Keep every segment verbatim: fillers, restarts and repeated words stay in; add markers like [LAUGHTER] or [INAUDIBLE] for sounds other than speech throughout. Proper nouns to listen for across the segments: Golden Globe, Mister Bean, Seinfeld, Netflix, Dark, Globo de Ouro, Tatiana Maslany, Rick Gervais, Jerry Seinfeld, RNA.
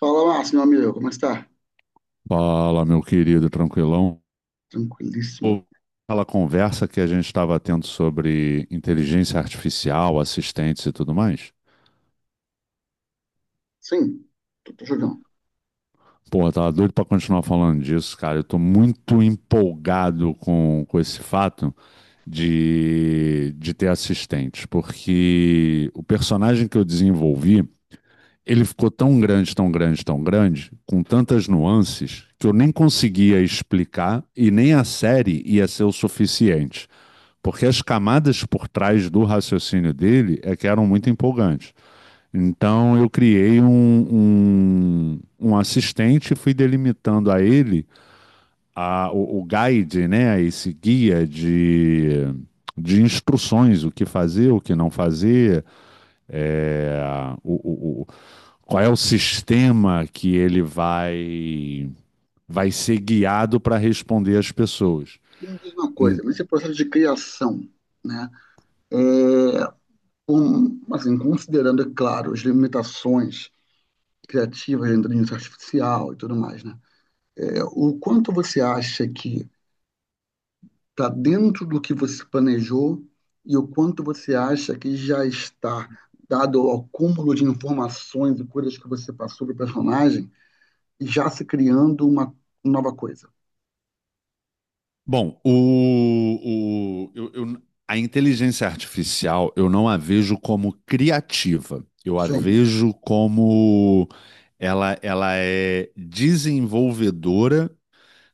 Fala, Márcio, meu amigo, como está? Fala, meu querido, tranquilão. Tranquilíssimo. Aquela conversa que a gente estava tendo sobre inteligência artificial, assistentes e tudo mais. Sim, tô, tô jogando. Porra, tava doido para continuar falando disso, cara. Eu tô muito empolgado com, com esse fato de, de ter assistentes, porque o personagem que eu desenvolvi, ele ficou tão grande, tão grande, tão grande, com tantas nuances, que eu nem conseguia explicar e nem a série ia ser o suficiente. Porque as camadas por trás do raciocínio dele é que eram muito empolgantes. Então eu criei um, um, um assistente e fui delimitando a ele a, o, o guide, né, esse guia de, de instruções, o que fazer, o que não fazer, é, o, o, qual é o sistema que ele vai, vai ser guiado para responder às pessoas. E me diz uma coisa, nesse processo de criação, né? um- assim, considerando, é claro, as limitações criativas da inteligência artificial e tudo mais, né? É, o quanto você acha que está dentro do que você planejou e o quanto você acha que já está, dado ao acúmulo de informações e coisas que você passou para o personagem, já se criando uma nova coisa? Bom, o, o, eu- eu- a inteligência artificial eu não a vejo como criativa. Eu a Sim, vejo como ela, ela é desenvolvedora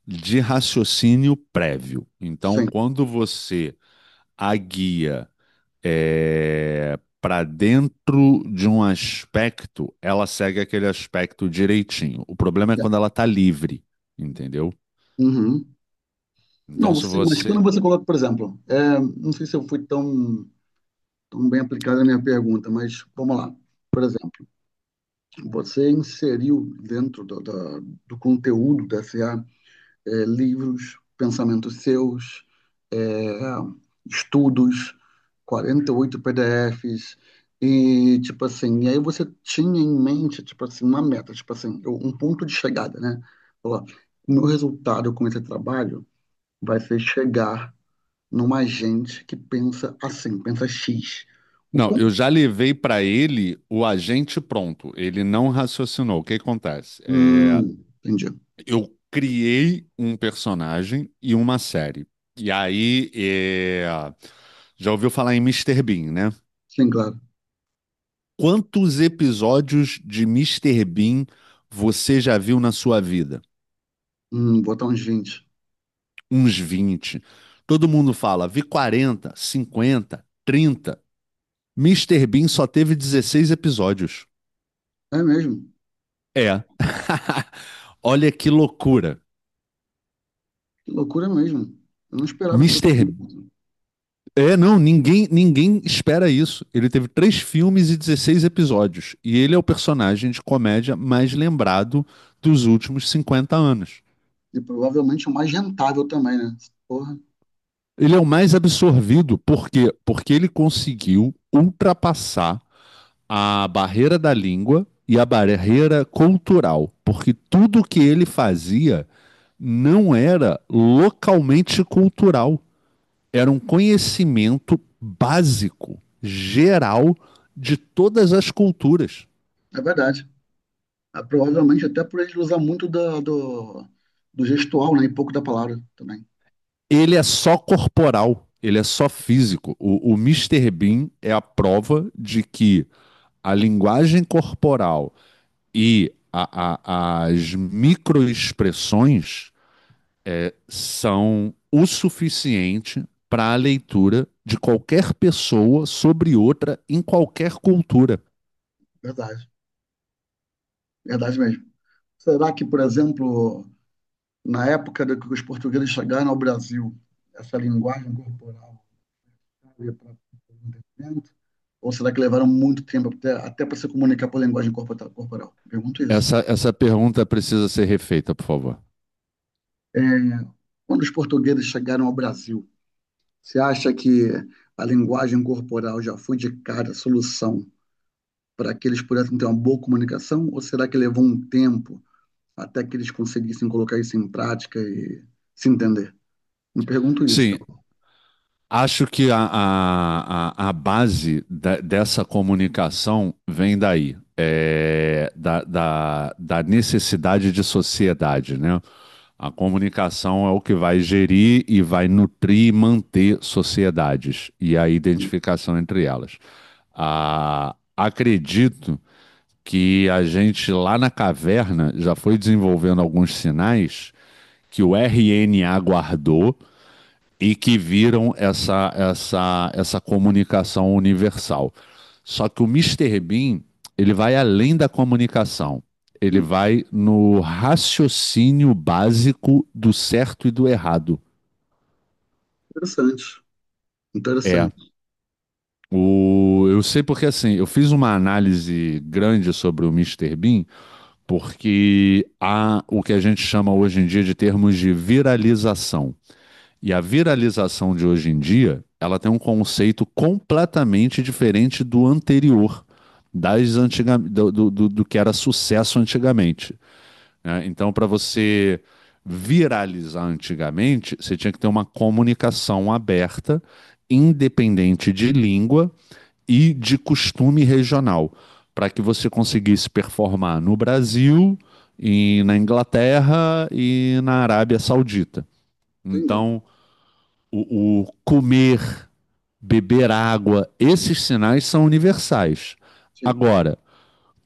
de raciocínio prévio. Então, sim. quando você a guia para dentro de um aspecto, ela segue aquele aspecto direitinho. O problema é quando ela está livre, entendeu? Uhum. Então, Não, se sim, mas quando você você coloca, por exemplo, é, não sei se eu fui tão, tão bem aplicada a minha pergunta, mas vamos lá. Por exemplo, você inseriu dentro do, da- do conteúdo da S A é, livros, pensamentos seus, é, estudos, quarenta e oito P D Fs, e tipo assim, e aí você tinha em mente, tipo assim, uma meta, tipo assim, eu- um ponto de chegada, né? Falou, ó, o meu resultado com esse trabalho vai ser chegar numa gente que pensa assim, pensa X. O Não, quão. eu já levei para ele o agente pronto. Ele não raciocinou. O que acontece? É, Hum, entendi. eu criei um personagem e uma série. E aí, é, já ouviu falar em Mister Bean, né? Sim, claro. Quantos episódios de Mister Bean você já viu na sua vida? Hum, botar uns vinte. Uns vinte. Todo mundo fala, vi quarenta, cinquenta, trinta. Mister Bean só teve dezesseis episódios. É mesmo. É. [LAUGHS] Olha que loucura. Que loucura mesmo. Eu não esperava que fosse Mister. assim. B- É, não, ninguém, ninguém espera isso. Ele teve três filmes e dezesseis episódios. E ele é o personagem de comédia mais lembrado dos últimos cinquenta anos. E provavelmente o mais rentável também, né? Porra, Ele é o mais absorvido, por quê? Porque ele conseguiu ultrapassar a barreira da língua e a barreira cultural. Porque tudo que ele fazia não era localmente cultural, era um conhecimento básico, geral, de todas as culturas. é verdade. É, provavelmente até por ele usar muito da- do, do gestual, né? E pouco da palavra também. Ele é só corporal, ele é só físico. O, o mister Bean é a prova de que a linguagem corporal e a, a, as microexpressões são o suficiente para a leitura de qualquer pessoa sobre outra em qualquer cultura. Verdade. Verdade mesmo. Será que, por exemplo, na época do que os portugueses chegaram ao Brasil, essa linguagem corporal para o entendimento? Ou será que levaram muito tempo até, até para se comunicar por linguagem corporal? Pergunto isso. Essa, essa pergunta precisa ser refeita, por favor. É, quando os portugueses chegaram ao Brasil, você acha que a linguagem corporal já foi de cara a solução para que eles pudessem ter uma boa comunicação? Ou será que levou um tempo até que eles conseguissem colocar isso em prática e se entender? Me pergunto isso, tá Sim, bom? acho que a, a, a, a base da- dessa comunicação vem daí, é, da, da, da necessidade de sociedade, né? A comunicação é o que vai gerir e vai nutrir e manter sociedades e a identificação entre elas. Ah, acredito que a gente lá na caverna já foi desenvolvendo alguns sinais que o R N A guardou e que viram essa, essa, essa comunicação universal. Só que o Mister Bean, ele vai além da comunicação. Ele Hum, vai no raciocínio básico do certo e do errado. Interessante, É. interessante. O, eu sei porque assim, eu fiz uma análise grande sobre o Mister Bean, porque há o que a gente chama hoje em dia de termos de viralização. E a viralização de hoje em dia, ela tem um conceito completamente diferente do anterior, das antiga, do, do, do- do que era sucesso antigamente, né? Então, para você viralizar antigamente, você tinha que ter uma comunicação aberta, independente de língua e de costume regional, para que você conseguisse performar no Brasil, e na Inglaterra e na Arábia Saudita. Entendi. Então, o, o comer, beber água, esses sinais são universais. Sim, Agora,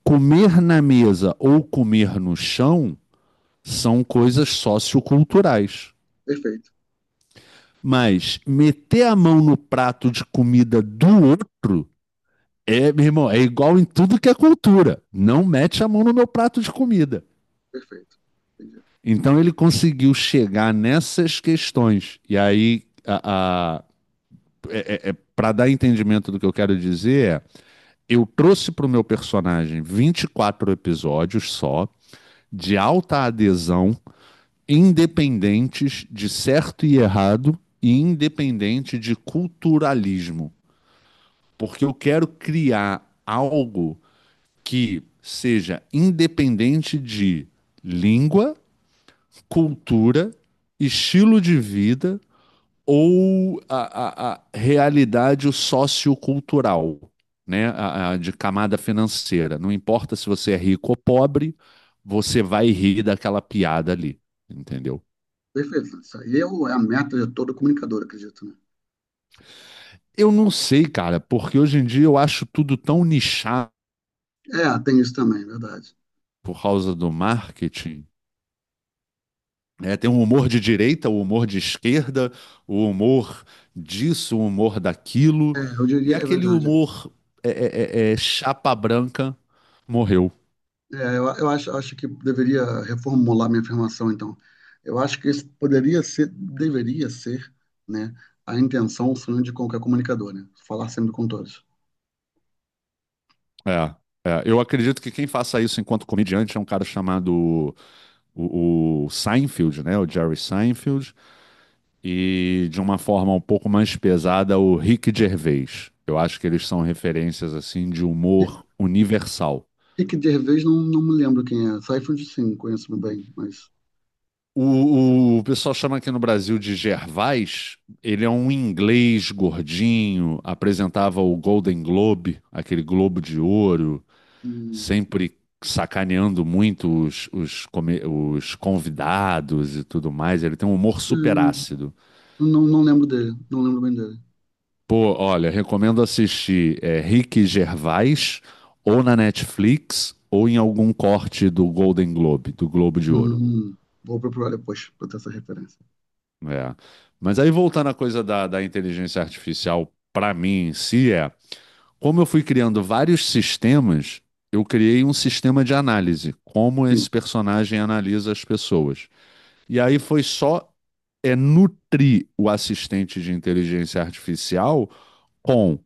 comer na mesa ou comer no chão são coisas socioculturais. perfeito, Mas meter a mão no prato de comida do outro é, meu irmão, é igual em tudo que é cultura. Não mete a mão no meu prato de comida. perfeito. Entendi. Então ele conseguiu chegar nessas questões. E aí, a, a- é, é, para dar entendimento do que eu quero dizer, é, eu trouxe para o meu personagem vinte e quatro episódios só, de alta adesão, independentes de certo e errado e independente de culturalismo. Porque eu quero criar algo que seja independente de língua, cultura, estilo de vida ou a, a, a realidade sociocultural, né? A, a de camada financeira. Não importa se você é rico ou pobre, você vai rir daquela piada ali, entendeu? Perfeito. Isso aí é, o- é a meta de todo comunicador, acredito, né? Eu não sei, cara, porque hoje em dia eu acho tudo tão nichado É, tem isso também, verdade. por causa do marketing, né? Tem um humor de direita, o humor de esquerda, o humor disso, o humor daquilo, É, eu diria, e é aquele verdade. humor é, é, é, é chapa branca morreu. É, eu, eu acho, acho, que deveria reformular minha afirmação, então. Eu acho que esse poderia ser, deveria ser, né, a intenção, o sonho de qualquer comunicador, né? Falar sempre com todos. É, é. Eu acredito que quem faça isso enquanto comediante é um cara chamado o, o Seinfeld, né? O Jerry Seinfeld, e de uma forma um pouco mais pesada, o Rick Gervais. Eu acho que eles são referências assim de Ri- humor universal. Rick Gervais, não, não me lembro quem é. Seinfeld, sim, conheço bem, mas. O, o, o pessoal chama aqui no Brasil de Gervais. Ele é um inglês gordinho, apresentava o Golden Globe, aquele Globo de Ouro, Hum, sempre sacaneando muito os, os, come- os convidados e tudo mais. Ele tem um humor super hum, ácido. não, não lembro dele, não lembro bem dele. Pô, olha, recomendo assistir é, Rick Gervais ou na Netflix ou em algum corte do Golden Globe, do Globo de Hum, Ouro. hum, hum. Vou procurar depois para ter essa referência. É. Mas aí voltando à coisa da, da inteligência artificial, para mim em si é, como eu fui criando vários sistemas, eu criei um sistema de análise, como Sim, esse personagem analisa as pessoas. E aí foi só é nutrir o assistente de inteligência artificial com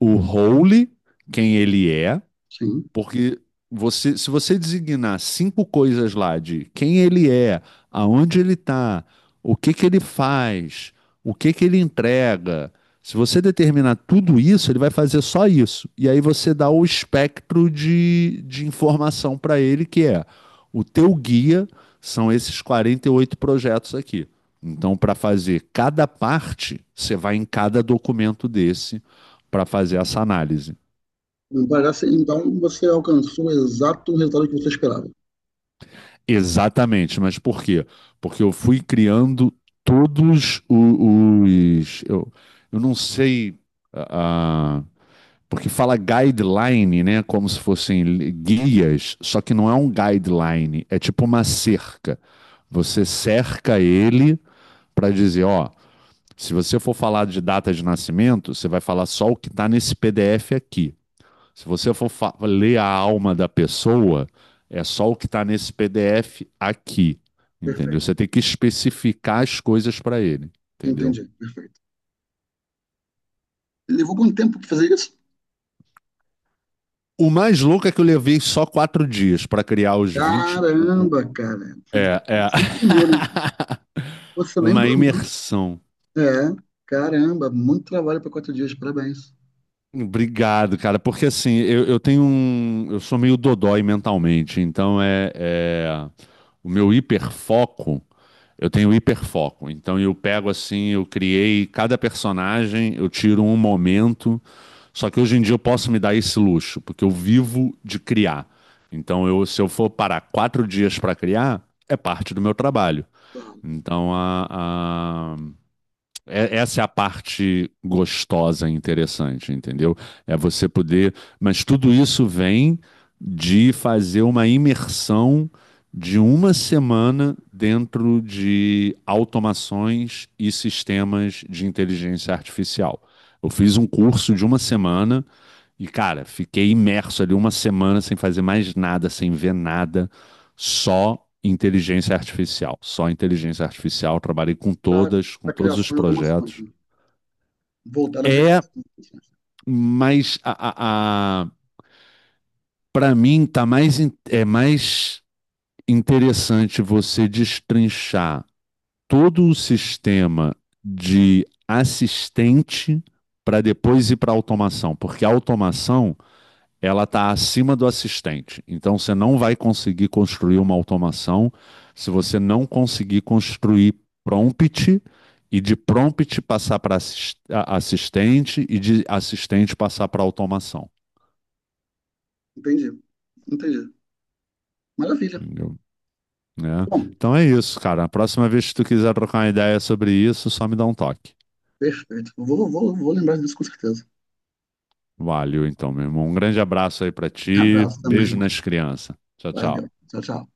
o role, quem ele é, sim. porque você, se você designar cinco coisas lá de quem ele é, aonde ele está, o que que ele faz, o que que ele entrega, se você determinar tudo isso, ele vai fazer só isso. E aí você dá o espectro de, de informação para ele, que é o teu guia são esses quarenta e oito projetos aqui. Então, para fazer cada parte, você vai em cada documento desse para fazer essa análise. Parece, então você alcançou o exato resultado que você esperava. Exatamente, mas por quê? Porque eu fui criando todos o- os. Eu, eu não sei. ah, ah, porque fala guideline, né? Como se fossem li- guias, só que não é um guideline, é tipo uma cerca. Você cerca ele para dizer: ó, se você for falar de data de nascimento, você vai falar só o que está nesse P D F aqui. Se você for fa- ler a alma da pessoa, é só o que está nesse P D F aqui, entendeu? Perfeito. Você tem que especificar as coisas para ele, entendeu? Entendi, perfeito. Levou quanto tempo pra fazer isso? O mais louco é que eu levei só quatro dias para criar os vinte, o- o- Caramba, cara. é, é. Você nem dormiu, né? [LAUGHS] Você nem Uma dormiu. imersão. É, caramba, muito trabalho para quatro dias, parabéns. Obrigado, cara, porque assim, eu, eu tenho um. Eu sou meio dodói mentalmente, então é, é- o meu hiperfoco. Eu tenho hiperfoco, então eu pego assim, eu criei cada personagem, eu tiro um momento. Só que hoje em dia eu posso me dar esse luxo, porque eu vivo de criar. Então, eu, se eu for parar quatro dias para criar, é parte do meu trabalho. Tá. Então, a, é- essa é a parte gostosa e interessante, entendeu? É você poder. Mas tudo isso vem de fazer uma imersão de uma semana dentro de automações e sistemas de inteligência artificial. Eu fiz um curso de uma semana e, cara, fiquei imerso ali uma semana sem fazer mais nada, sem ver nada só inteligência artificial, só inteligência artificial, trabalhei com Para todas, com a todos os criação de automações, projetos. né? Voltada para a É, criação de automações. mas a, a, a para mim tá mais é mais interessante você destrinchar todo o sistema de assistente para depois ir para a automação, porque a automação ela está acima do assistente. Então você não vai conseguir construir uma automação se você não conseguir construir prompt e de prompt passar para assistente e de assistente passar para automação. Entendi, entendi. Maravilha. Entendeu? É. Bom, Então é isso, cara. A próxima vez que tu quiser trocar uma ideia sobre isso, só me dá um toque. perfeito. Vou, vou, vou lembrar disso com certeza. Valeu, então, meu irmão. Um grande abraço aí para ti. Abraço também, Beijo irmão. nas crianças. Tchau, Valeu. tchau. Tchau, tchau.